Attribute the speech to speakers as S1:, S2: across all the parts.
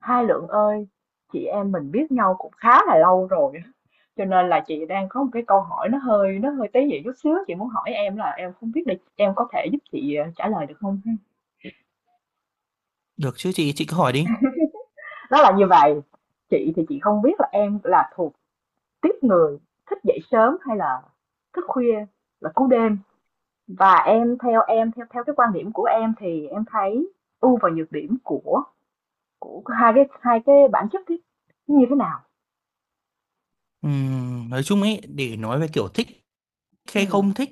S1: Hai Lượng ơi, chị em mình biết nhau cũng khá là lâu rồi á, cho nên là chị đang có một cái câu hỏi nó hơi tế nhị chút xíu, chị muốn hỏi em là em không biết là em có thể giúp chị trả lời được không? Ha?
S2: Được chứ chị cứ hỏi đi.
S1: Nó là như vậy, chị thì chị không biết là em là thuộc tiếp người thích dậy sớm hay là thức khuya là cú đêm, và em theo theo cái quan điểm của em thì em thấy ưu và nhược điểm của hai cái bản chất cái như thế nào?
S2: Nói chung ấy, để nói về kiểu thích
S1: Ừ.
S2: hay không thích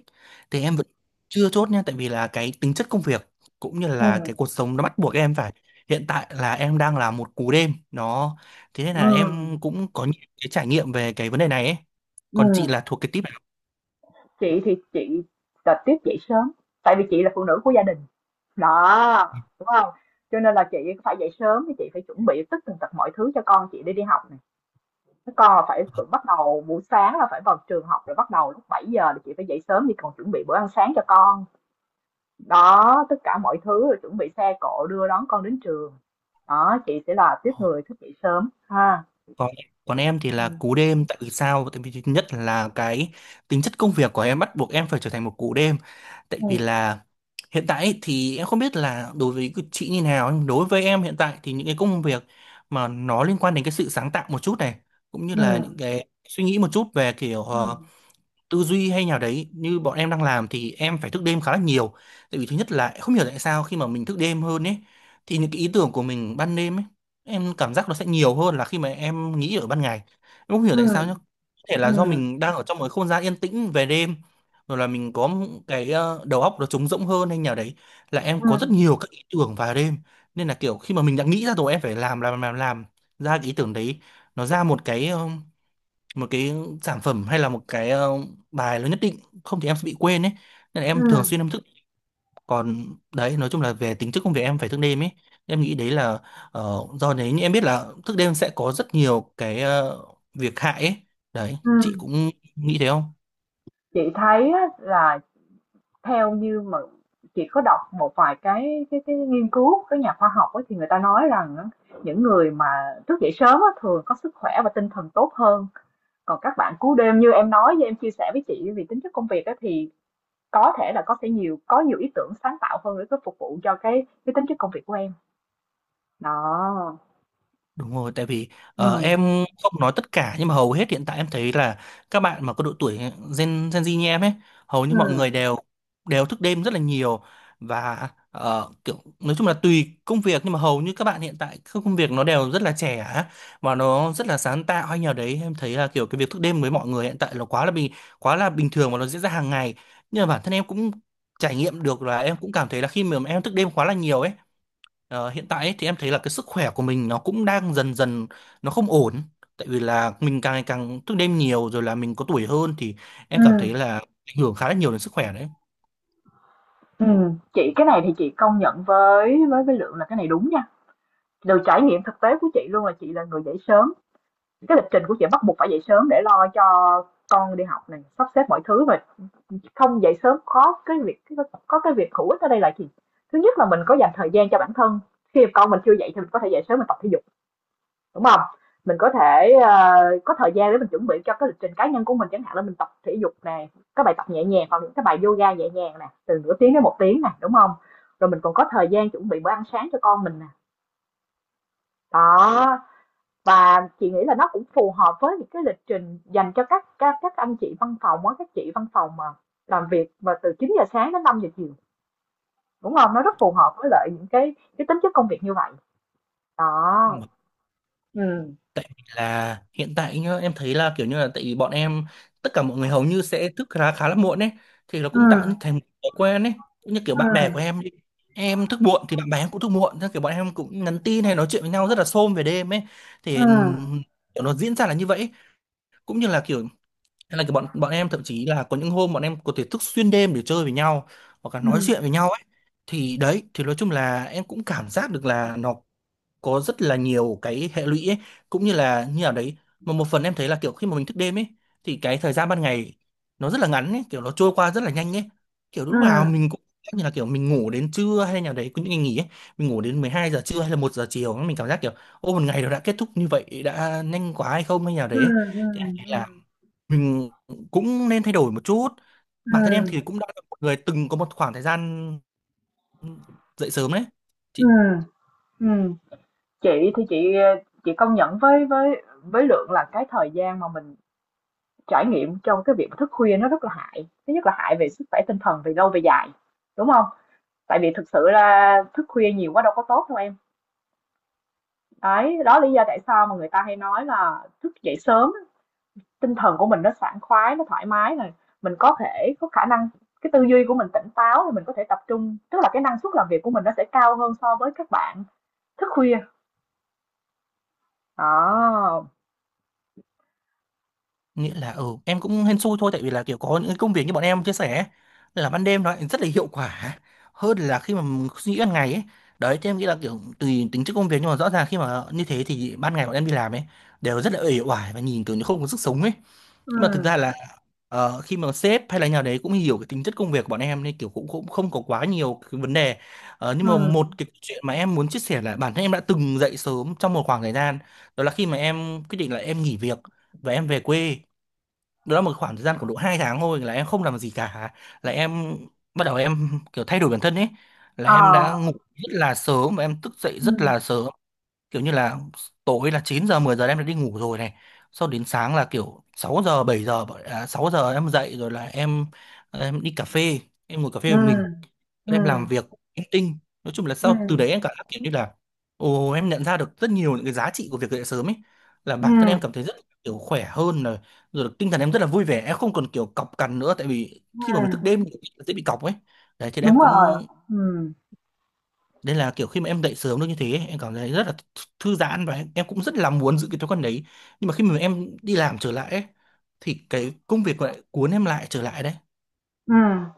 S2: thì em vẫn chưa chốt nha, tại vì là cái tính chất công việc cũng như
S1: Ừ.
S2: là cái cuộc sống nó bắt buộc em phải. Hiện tại là em đang là một cú đêm, đó. Thế nên
S1: Ừ.
S2: là em cũng có những cái trải nghiệm về cái vấn đề này ấy.
S1: Ừ.
S2: Còn chị là thuộc cái tip
S1: Chị thì chị là tiếp dậy sớm, tại vì chị là phụ nữ của gia đình, đó, đúng không? Cho nên là chị phải dậy sớm, thì chị phải chuẩn bị tất tần tật mọi thứ cho con chị đi đi học này. Các con là phải
S2: nào?
S1: phải bắt đầu buổi sáng là phải vào trường học rồi bắt đầu lúc 7 giờ, thì chị phải dậy sớm đi còn chuẩn bị bữa ăn sáng cho con. Đó, tất cả mọi thứ rồi chuẩn bị xe cộ đưa đón con đến trường. Đó, chị sẽ là tiếp người thức dậy sớm ha.
S2: Còn còn em thì là
S1: Ừ.
S2: cú đêm, tại vì sao? Tại vì thứ nhất là cái tính chất công việc của em bắt buộc em phải trở thành một cú đêm, tại
S1: Ừ.
S2: vì là hiện tại ấy thì em không biết là đối với cái chị như nào, nhưng đối với em hiện tại thì những cái công việc mà nó liên quan đến cái sự sáng tạo một chút này, cũng như
S1: Ừ.
S2: là những cái suy nghĩ một chút về kiểu tư duy hay nào đấy như bọn em đang làm, thì em phải thức đêm khá là nhiều. Tại vì thứ nhất là không hiểu tại sao khi mà mình thức đêm hơn ấy thì những cái ý tưởng của mình ban đêm ấy, em cảm giác nó sẽ nhiều hơn là khi mà em nghĩ ở ban ngày. Em không hiểu
S1: Ừ.
S2: tại sao nhá, có thể
S1: Ừ.
S2: là do mình đang ở trong một cái không gian yên tĩnh về đêm, rồi là mình có một cái đầu óc nó trống rỗng hơn hay nào đấy, là em
S1: Ừ.
S2: có rất nhiều các ý tưởng vào đêm. Nên là kiểu khi mà mình đã nghĩ ra rồi em phải làm ra cái ý tưởng đấy, nó ra một cái một cái sản phẩm hay là một cái bài nó nhất định, không thì em sẽ bị quên ấy, nên là
S1: Ừ.
S2: em thường xuyên em thức. Còn đấy, nói chung là về tính chất công việc em phải thức đêm ấy, em nghĩ đấy là do đấy. Nhưng em biết là thức đêm sẽ có rất nhiều cái việc hại ấy, đấy chị
S1: Ừ.
S2: cũng nghĩ thế không?
S1: Chị thấy á, là theo như mà chị có đọc một vài cái nghiên cứu các nhà khoa học ấy, thì người ta nói rằng á, những người mà thức dậy sớm á, thường có sức khỏe và tinh thần tốt hơn, còn các bạn cú đêm như em nói, với em chia sẻ với chị vì tính chất công việc á, thì có thể là có nhiều ý tưởng sáng tạo hơn để có phục vụ cho cái tính chất công việc của em đó.
S2: Đúng rồi, tại vì
S1: Ừ.
S2: em không nói tất cả nhưng mà hầu hết hiện tại em thấy là các bạn mà có độ tuổi Gen Gen Z như em ấy, hầu như mọi người
S1: Ừ.
S2: đều đều thức đêm rất là nhiều. Và kiểu nói chung là tùy công việc, nhưng mà hầu như các bạn hiện tại các công việc nó đều rất là trẻ á, và nó rất là sáng tạo hay nhờ đấy, em thấy là kiểu cái việc thức đêm với mọi người hiện tại là quá là bình thường và nó diễn ra hàng ngày. Nhưng mà bản thân em cũng trải nghiệm được là em cũng cảm thấy là khi mà em thức đêm quá là nhiều ấy, hiện tại ấy, thì em thấy là cái sức khỏe của mình nó cũng đang dần dần nó không ổn, tại vì là mình càng ngày càng thức đêm nhiều, rồi là mình có tuổi hơn thì
S1: Ừ.
S2: em cảm thấy là ảnh hưởng khá là nhiều đến sức khỏe đấy.
S1: Ừ. Chị cái này thì chị công nhận với Lượng là cái này đúng nha, từ trải nghiệm thực tế của chị luôn là chị là người dậy sớm. Cái lịch trình của chị bắt buộc phải dậy sớm để lo cho con đi học này, sắp xếp mọi thứ, và không dậy sớm có cái việc hữu ích ở đây là gì? Thứ nhất là mình có dành thời gian cho bản thân. Khi con mình chưa dậy thì mình có thể dậy sớm mình tập thể dục, đúng không? Mình có thể có thời gian để mình chuẩn bị cho cái lịch trình cá nhân của mình, chẳng hạn là mình tập thể dục nè, các bài tập nhẹ nhàng hoặc những cái bài yoga nhẹ nhàng nè, từ nửa tiếng đến một tiếng nè, đúng không? Rồi mình còn có thời gian chuẩn bị bữa ăn sáng cho con mình nè. Đó, và chị nghĩ là nó cũng phù hợp với những cái lịch trình dành cho các anh chị văn phòng á, các chị văn phòng mà làm việc mà từ 9 giờ sáng đến 5 giờ chiều, đúng không, nó rất phù hợp với lại những cái tính chất công việc như vậy đó.
S2: Bởi
S1: Ừ.
S2: vì là hiện tại nhá, em thấy là kiểu như là tại vì bọn em, tất cả mọi người hầu như sẽ thức khá khá là muộn ấy, thì nó
S1: Ừ.
S2: cũng tạo thành một thói quen ấy, cũng như kiểu bạn bè của
S1: Ừ.
S2: em đi, em thức muộn thì bạn bè em cũng thức muộn, thế kiểu bọn em cũng nhắn tin hay nói chuyện với nhau rất là xôm về đêm ấy,
S1: Ừ.
S2: thì kiểu nó diễn ra là như vậy ấy. Cũng như là kiểu hay là cái bọn bọn em thậm chí là có những hôm bọn em có thể thức xuyên đêm để chơi với nhau, hoặc là nói chuyện
S1: Ừ.
S2: với nhau ấy. Thì đấy, thì nói chung là em cũng cảm giác được là nó có rất là nhiều cái hệ lụy ấy, cũng như là như nào đấy, mà một phần em thấy là kiểu khi mà mình thức đêm ấy, thì cái thời gian ban ngày nó rất là ngắn ấy, kiểu nó trôi qua rất là nhanh ấy, kiểu
S1: Ừ.
S2: lúc nào mình cũng cảm giác như là kiểu mình ngủ đến trưa hay nào đấy, có những ngày nghỉ ấy mình ngủ đến 12 giờ trưa hay là 1 giờ chiều, mình cảm giác kiểu ô, một ngày nó đã kết thúc như vậy đã nhanh quá hay không hay nào
S1: Ừ.
S2: đấy ấy. Thì em thấy là
S1: Ừ.
S2: mình cũng nên thay đổi một chút.
S1: Ừ.
S2: Bản thân em thì cũng đã là một người từng có một khoảng thời gian dậy sớm đấy. Chị
S1: Ừ. Ừ. Chị thì chị công nhận với Lượng là cái thời gian mà mình trải nghiệm trong cái việc thức khuya nó rất là hại, thứ nhất là hại về sức khỏe tinh thần về lâu về dài, đúng không? Tại vì thực sự là thức khuya nhiều quá đâu có tốt đâu em. Đấy, đó lý do tại sao mà người ta hay nói là thức dậy sớm tinh thần của mình nó sảng khoái, nó thoải mái này, mình có thể có khả năng cái tư duy của mình tỉnh táo, mình có thể tập trung, tức là cái năng suất làm việc của mình nó sẽ cao hơn so với các bạn thức khuya. Đó.
S2: nghĩa là, ừ, em cũng hên xui thôi, tại vì là kiểu có những cái công việc như bọn em chia sẻ ấy, là ban đêm nó lại rất là hiệu quả hơn là khi mà mình suy nghĩ ban ngày ấy. Đấy thì em nghĩ là kiểu tùy tính chất công việc, nhưng mà rõ ràng khi mà như thế thì ban ngày bọn em đi làm ấy, đều rất là uể oải và nhìn kiểu như không có sức sống ấy. Nhưng mà thực
S1: Ừm.
S2: ra là khi mà sếp hay là nhà đấy cũng hiểu cái tính chất công việc của bọn em, nên kiểu cũng cũng không có quá nhiều cái vấn đề. Nhưng mà một
S1: Ừm.
S2: cái chuyện mà em muốn chia sẻ là bản thân em đã từng dậy sớm trong một khoảng thời gian, đó là khi mà em quyết định là em nghỉ việc và em về quê. Đó là một khoảng thời gian khoảng độ 2 tháng thôi là em không làm gì cả, là em bắt đầu em kiểu thay đổi bản thân ấy, là
S1: Ờ.
S2: em đã ngủ rất là sớm và em thức dậy rất
S1: Ừm.
S2: là sớm, kiểu như là tối là 9 giờ 10 giờ là em đã đi ngủ rồi này, sau đến sáng là kiểu 6 giờ 7 giờ à, 6 giờ em dậy, rồi là em đi cà phê, em ngồi cà phê một mình,
S1: Ừm.
S2: em làm
S1: Ừm.
S2: việc, em tinh, nói chung là sau từ
S1: Ừm.
S2: đấy em cảm giác kiểu như là, ồ, em nhận ra được rất nhiều những cái giá trị của việc dậy sớm ấy, là bản thân
S1: Ừm.
S2: em cảm thấy rất kiểu khỏe hơn, rồi rồi tinh thần em rất là vui vẻ, em không còn kiểu cọc cằn nữa, tại vì khi mà mình thức
S1: Ừm.
S2: đêm thì dễ bị cọc ấy. Đấy thì em
S1: Đúng rồi.
S2: cũng,
S1: Ừm.
S2: nên là kiểu khi mà em dậy sớm được như thế ấy, em cảm thấy rất là thư giãn, và em cũng rất là muốn giữ cái thói quen đấy. Nhưng mà khi mà em đi làm trở lại ấy, thì cái công việc lại cuốn em lại trở lại đấy.
S1: Ừm.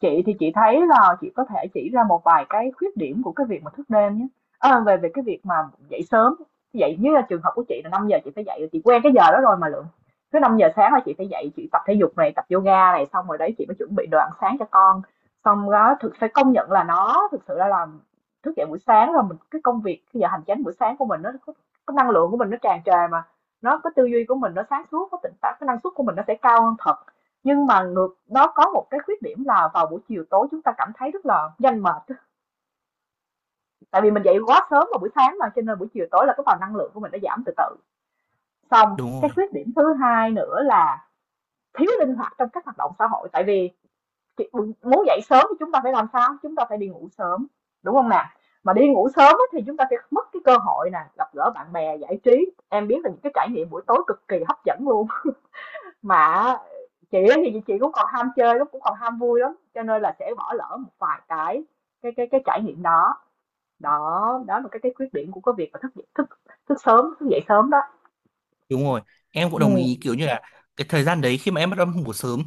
S1: Chị thì chị thấy là chị có thể chỉ ra một vài cái khuyết điểm của cái việc mà thức đêm nhé. À, về về cái việc mà dậy sớm, dậy như là trường hợp của chị là 5 giờ chị phải dậy, chị quen cái giờ đó rồi mà Lượng. Cứ 5 giờ sáng là chị phải dậy, chị tập thể dục này, tập yoga này, xong rồi đấy chị mới chuẩn bị đồ ăn sáng cho con. Xong đó thực phải công nhận là nó thực sự là làm thức dậy buổi sáng là mình cái công việc cái giờ hành chánh buổi sáng của mình nó có, cái năng lượng của mình nó tràn trề mà, nó cái tư duy của mình nó sáng suốt, có tỉnh táo, cái năng suất của mình nó sẽ cao hơn thật. Nhưng mà ngược nó có một cái khuyết điểm là vào buổi chiều tối chúng ta cảm thấy rất là nhanh mệt. Tại vì mình dậy quá sớm vào buổi sáng mà cho nên buổi chiều tối là cái vào năng lượng của mình đã giảm từ từ. Xong,
S2: Đúng
S1: cái
S2: rồi.
S1: khuyết điểm thứ hai nữa là thiếu linh hoạt trong các hoạt động xã hội, tại vì muốn dậy sớm thì chúng ta phải làm sao? Chúng ta phải đi ngủ sớm, đúng không nè? Mà đi ngủ sớm thì chúng ta sẽ mất cái cơ hội nè, gặp gỡ bạn bè, giải trí. Em biết là những cái trải nghiệm buổi tối cực kỳ hấp dẫn luôn, mà chị á thì chị cũng còn ham chơi lắm, cũng còn ham vui lắm, cho nên là sẽ bỏ lỡ một vài cái trải nghiệm đó. Đó đó là cái khuyết điểm của cái việc mà thức thức thức sớm thức dậy sớm đó.
S2: Đúng rồi, em cũng đồng ý
S1: Ừ.
S2: kiểu như là cái thời gian đấy khi mà em bắt đầu em ngủ sớm,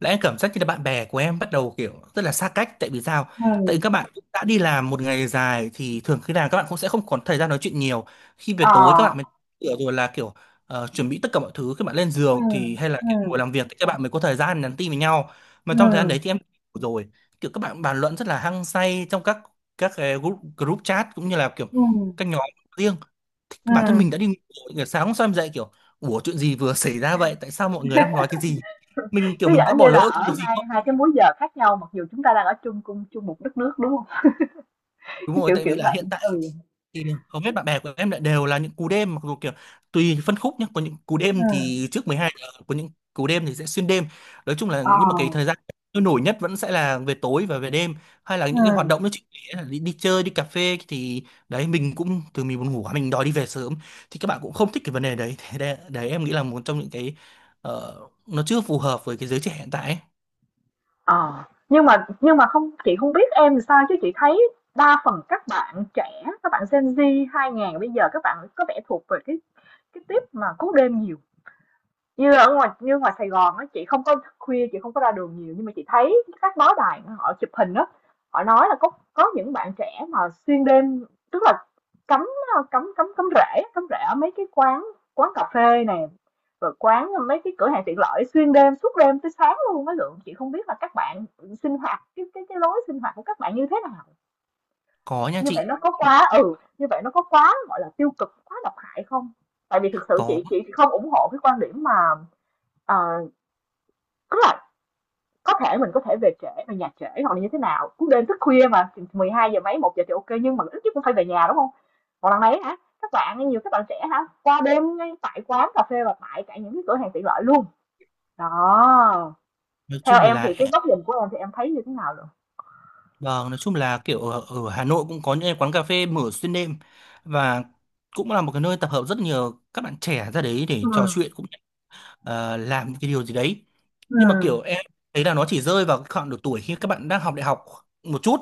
S2: là em cảm giác như là bạn bè của em bắt đầu kiểu rất là xa cách, tại vì sao? Tại vì
S1: Ừ.
S2: các bạn cũng đã đi làm một ngày dài thì thường khi nào các bạn cũng sẽ không còn thời gian nói chuyện nhiều. Khi về
S1: Ờ.
S2: tối các bạn mới kiểu, rồi là kiểu chuẩn bị tất cả mọi thứ, các bạn lên
S1: Ừ.
S2: giường thì hay là kiểu ngồi
S1: Ừ.
S2: làm việc, thì các bạn mới có thời gian nhắn tin với nhau. Mà trong thời gian đấy thì
S1: Ừ.
S2: em ngủ rồi, kiểu các bạn bàn luận rất là hăng say trong các cái group, group chat, cũng như là kiểu
S1: Ừ.
S2: các nhóm riêng,
S1: Ừ.
S2: bản thân mình đã đi ngủ, kiểu sáng hôm sau em dậy kiểu, ủa chuyện gì vừa xảy ra vậy, tại sao mọi người đang nói cái gì, mình kiểu
S1: Cứ
S2: mình
S1: giả
S2: đã
S1: như
S2: bỏ
S1: là
S2: lỡ cái
S1: ở
S2: điều gì
S1: hai
S2: không.
S1: hai cái múi giờ khác nhau, mặc dù chúng ta đang ở cùng chung một đất nước, đúng không,
S2: Đúng
S1: cái
S2: rồi,
S1: kiểu
S2: tại vì
S1: kiểu
S2: là
S1: vậy.
S2: hiện tại
S1: Ừ.
S2: thì hầu hết bạn bè của em lại đều là những cú đêm, mặc dù kiểu tùy phân khúc nhé, có những cú
S1: Ừ.
S2: đêm thì trước 12 giờ, có những cú đêm thì sẽ xuyên đêm. Nói chung là
S1: Ờ.
S2: nhưng mà cái thời gian sôi nổi nhất vẫn sẽ là về tối và về đêm, hay là những cái hoạt
S1: Ừ.
S2: động nó chỉ là đi chơi đi cà phê, thì đấy mình cũng, từ mình buồn ngủ quá, mình đòi đi về sớm thì các bạn cũng không thích cái vấn đề đấy. Thế đấy, đấy em nghĩ là một trong những cái ờ, nó chưa phù hợp với cái giới trẻ hiện tại ấy.
S1: Ờ, nhưng mà không chị không biết em làm sao chứ chị thấy đa phần các bạn trẻ, các bạn Gen Z 2000 bây giờ, các bạn có vẻ thuộc về cái tiếp mà cú đêm nhiều, như ở ngoài như ngoài Sài Gòn á, chị không có ra đường nhiều, nhưng mà chị thấy các báo đài họ chụp hình á, họ nói là có những bạn trẻ mà xuyên đêm, tức là cắm cắm cắm cắm rễ ở mấy cái quán quán cà phê này, rồi quán mấy cái cửa hàng tiện lợi xuyên đêm, suốt đêm tới sáng luôn. Mấy Lượng, chị không biết là các bạn sinh hoạt cái lối sinh hoạt của các bạn như thế nào,
S2: Có nha chị. Bạn
S1: như vậy nó có quá gọi là tiêu cực, quá độc hại không? Tại vì thực sự
S2: có.
S1: chị không ủng hộ cái quan điểm mà ờ, tức là có thể mình có thể về trễ, về nhà trễ hoặc là như thế nào, cũng đêm thức khuya mà, 12 giờ mấy, 1 giờ thì ok, nhưng mà ít nhất cũng phải về nhà, đúng không? Còn lần này hả, các bạn nhiều, các bạn trẻ hả, qua đêm ngay tại quán cà phê và tại cả những cái cửa hàng tiện lợi luôn. Đó,
S2: Nói
S1: theo
S2: chung
S1: em thì
S2: là
S1: cái góc nhìn của em thì em thấy như thế nào rồi?
S2: vâng, nói chung là kiểu ở Hà Nội cũng có những cái quán cà phê mở xuyên đêm, và cũng là một cái nơi tập hợp rất nhiều các bạn trẻ ra đấy để trò
S1: Ừm.
S2: chuyện, cũng làm cái điều gì đấy. Nhưng mà
S1: Ừm.
S2: kiểu em thấy là nó chỉ rơi vào cái khoảng độ tuổi khi các bạn đang học đại học một chút,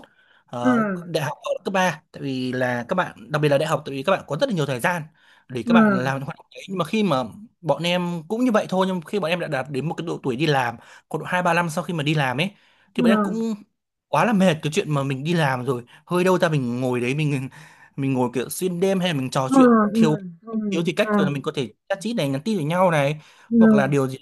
S1: Ừm.
S2: đại học ở cấp ba, tại vì là các bạn, đặc biệt là đại học, tại vì các bạn có rất là nhiều thời gian để các bạn
S1: Ừm.
S2: làm những hoạt động đấy. Nhưng mà khi mà bọn em cũng như vậy thôi, nhưng khi bọn em đã đạt đến một cái độ tuổi đi làm, khoảng độ 2 3 năm sau khi mà đi làm ấy, thì bọn em
S1: Ừm.
S2: cũng quá là mệt cái chuyện mà mình đi làm rồi, hơi đâu ra mình ngồi đấy mình ngồi kiểu xuyên đêm, hay là mình trò chuyện
S1: Ừm.
S2: thiếu
S1: Ừm.
S2: thiếu
S1: Ừm.
S2: thì cách rồi, là mình có thể chat chít này, nhắn tin với nhau này, hoặc là
S1: Ừm.
S2: điều gì.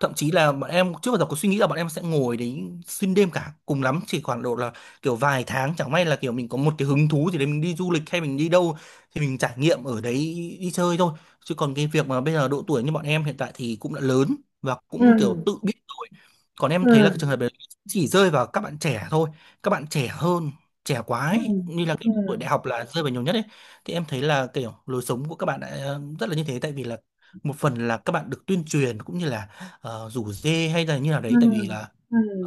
S2: Thậm chí là bọn em trước bao giờ có suy nghĩ là bọn em sẽ ngồi đấy xuyên đêm cả, cùng lắm chỉ khoảng độ là kiểu vài tháng, chẳng may là kiểu mình có một cái hứng thú gì đấy, mình đi du lịch hay mình đi đâu thì mình trải nghiệm ở đấy, đi chơi thôi. Chứ còn cái việc mà bây giờ độ tuổi như bọn em hiện tại thì cũng đã lớn và cũng kiểu
S1: Ừm.
S2: tự biết rồi. Còn em thấy là cái trường hợp
S1: Ừm.
S2: đấy chỉ rơi vào các bạn trẻ thôi, các bạn trẻ hơn, trẻ quá
S1: Ừm.
S2: ấy,
S1: Ừm.
S2: như là kiểu tuổi
S1: Ừm.
S2: đại học là rơi vào nhiều nhất ấy. Thì em thấy là kiểu lối sống của các bạn đã rất là như thế, tại vì là một phần là các bạn được tuyên truyền cũng như là rủ dê hay là như nào đấy. Tại vì
S1: Ừm.
S2: là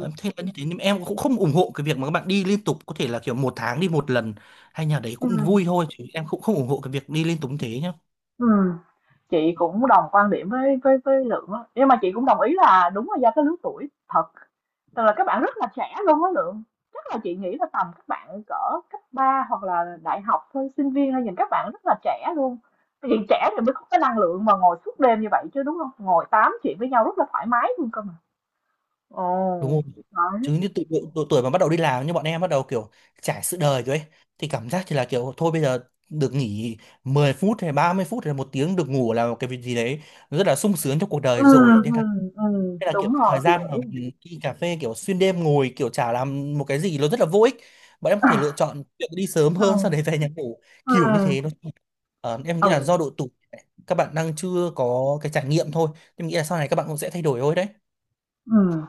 S2: em thấy là như thế, nhưng em cũng không ủng hộ cái việc mà các bạn đi liên tục, có thể là kiểu một tháng đi một lần hay nhà đấy cũng vui
S1: Ừm.
S2: thôi, chứ em cũng không ủng hộ cái việc đi liên tục như thế nhá.
S1: Ừm. Chị cũng đồng quan điểm với Lượng á, nhưng mà chị cũng đồng ý là đúng là do cái lứa tuổi thật, tức là các bạn rất là trẻ luôn á Lượng. Chắc là chị nghĩ là tầm các bạn cỡ cấp 3 hoặc là đại học thôi, sinh viên thôi, nhìn các bạn rất là trẻ luôn. Vì trẻ thì mới có cái năng lượng mà ngồi suốt đêm như vậy chứ, đúng không? Ngồi tám chuyện với nhau rất là thoải mái luôn cơ mà. Ồ,
S2: Đúng không,
S1: đấy.
S2: chứ như tụi tuổi mà bắt đầu đi làm như bọn em, bắt đầu kiểu trải sự đời rồi ấy, thì cảm giác thì là kiểu thôi bây giờ được nghỉ 10 phút hay 30 phút hay là 1 tiếng được ngủ là một cái việc gì đấy rất là sung sướng trong cuộc
S1: Ừ,
S2: đời rồi, nên
S1: ừ,
S2: là
S1: ừ,
S2: thế. Là kiểu
S1: đúng rồi,
S2: thời
S1: chị
S2: gian mà
S1: nghĩ.
S2: mình đi cà phê kiểu xuyên đêm ngồi kiểu chả làm một cái gì, nó rất là vô ích. Bọn em có thể lựa chọn việc đi sớm hơn, sau
S1: Ừ.
S2: đấy về nhà ngủ kiểu như thế nó.
S1: Ừ.
S2: Em nghĩ là do
S1: Ừ.
S2: độ tuổi các bạn đang chưa có cái trải nghiệm thôi. Em nghĩ là sau này các bạn cũng sẽ thay đổi thôi đấy.
S1: Ừ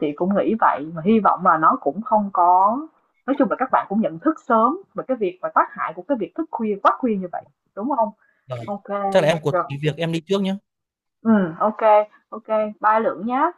S1: chị cũng nghĩ vậy, mà hy vọng là nó cũng không có, nói chung là các bạn cũng nhận thức sớm về cái việc và tác hại của cái việc thức khuya quá khuya như vậy, đúng không?
S2: Vâng.
S1: Ok kê.
S2: Chắc là em có
S1: Rồi.
S2: tí việc em đi trước nhé.
S1: Ừm. Ok kê, bye Lượng nhá.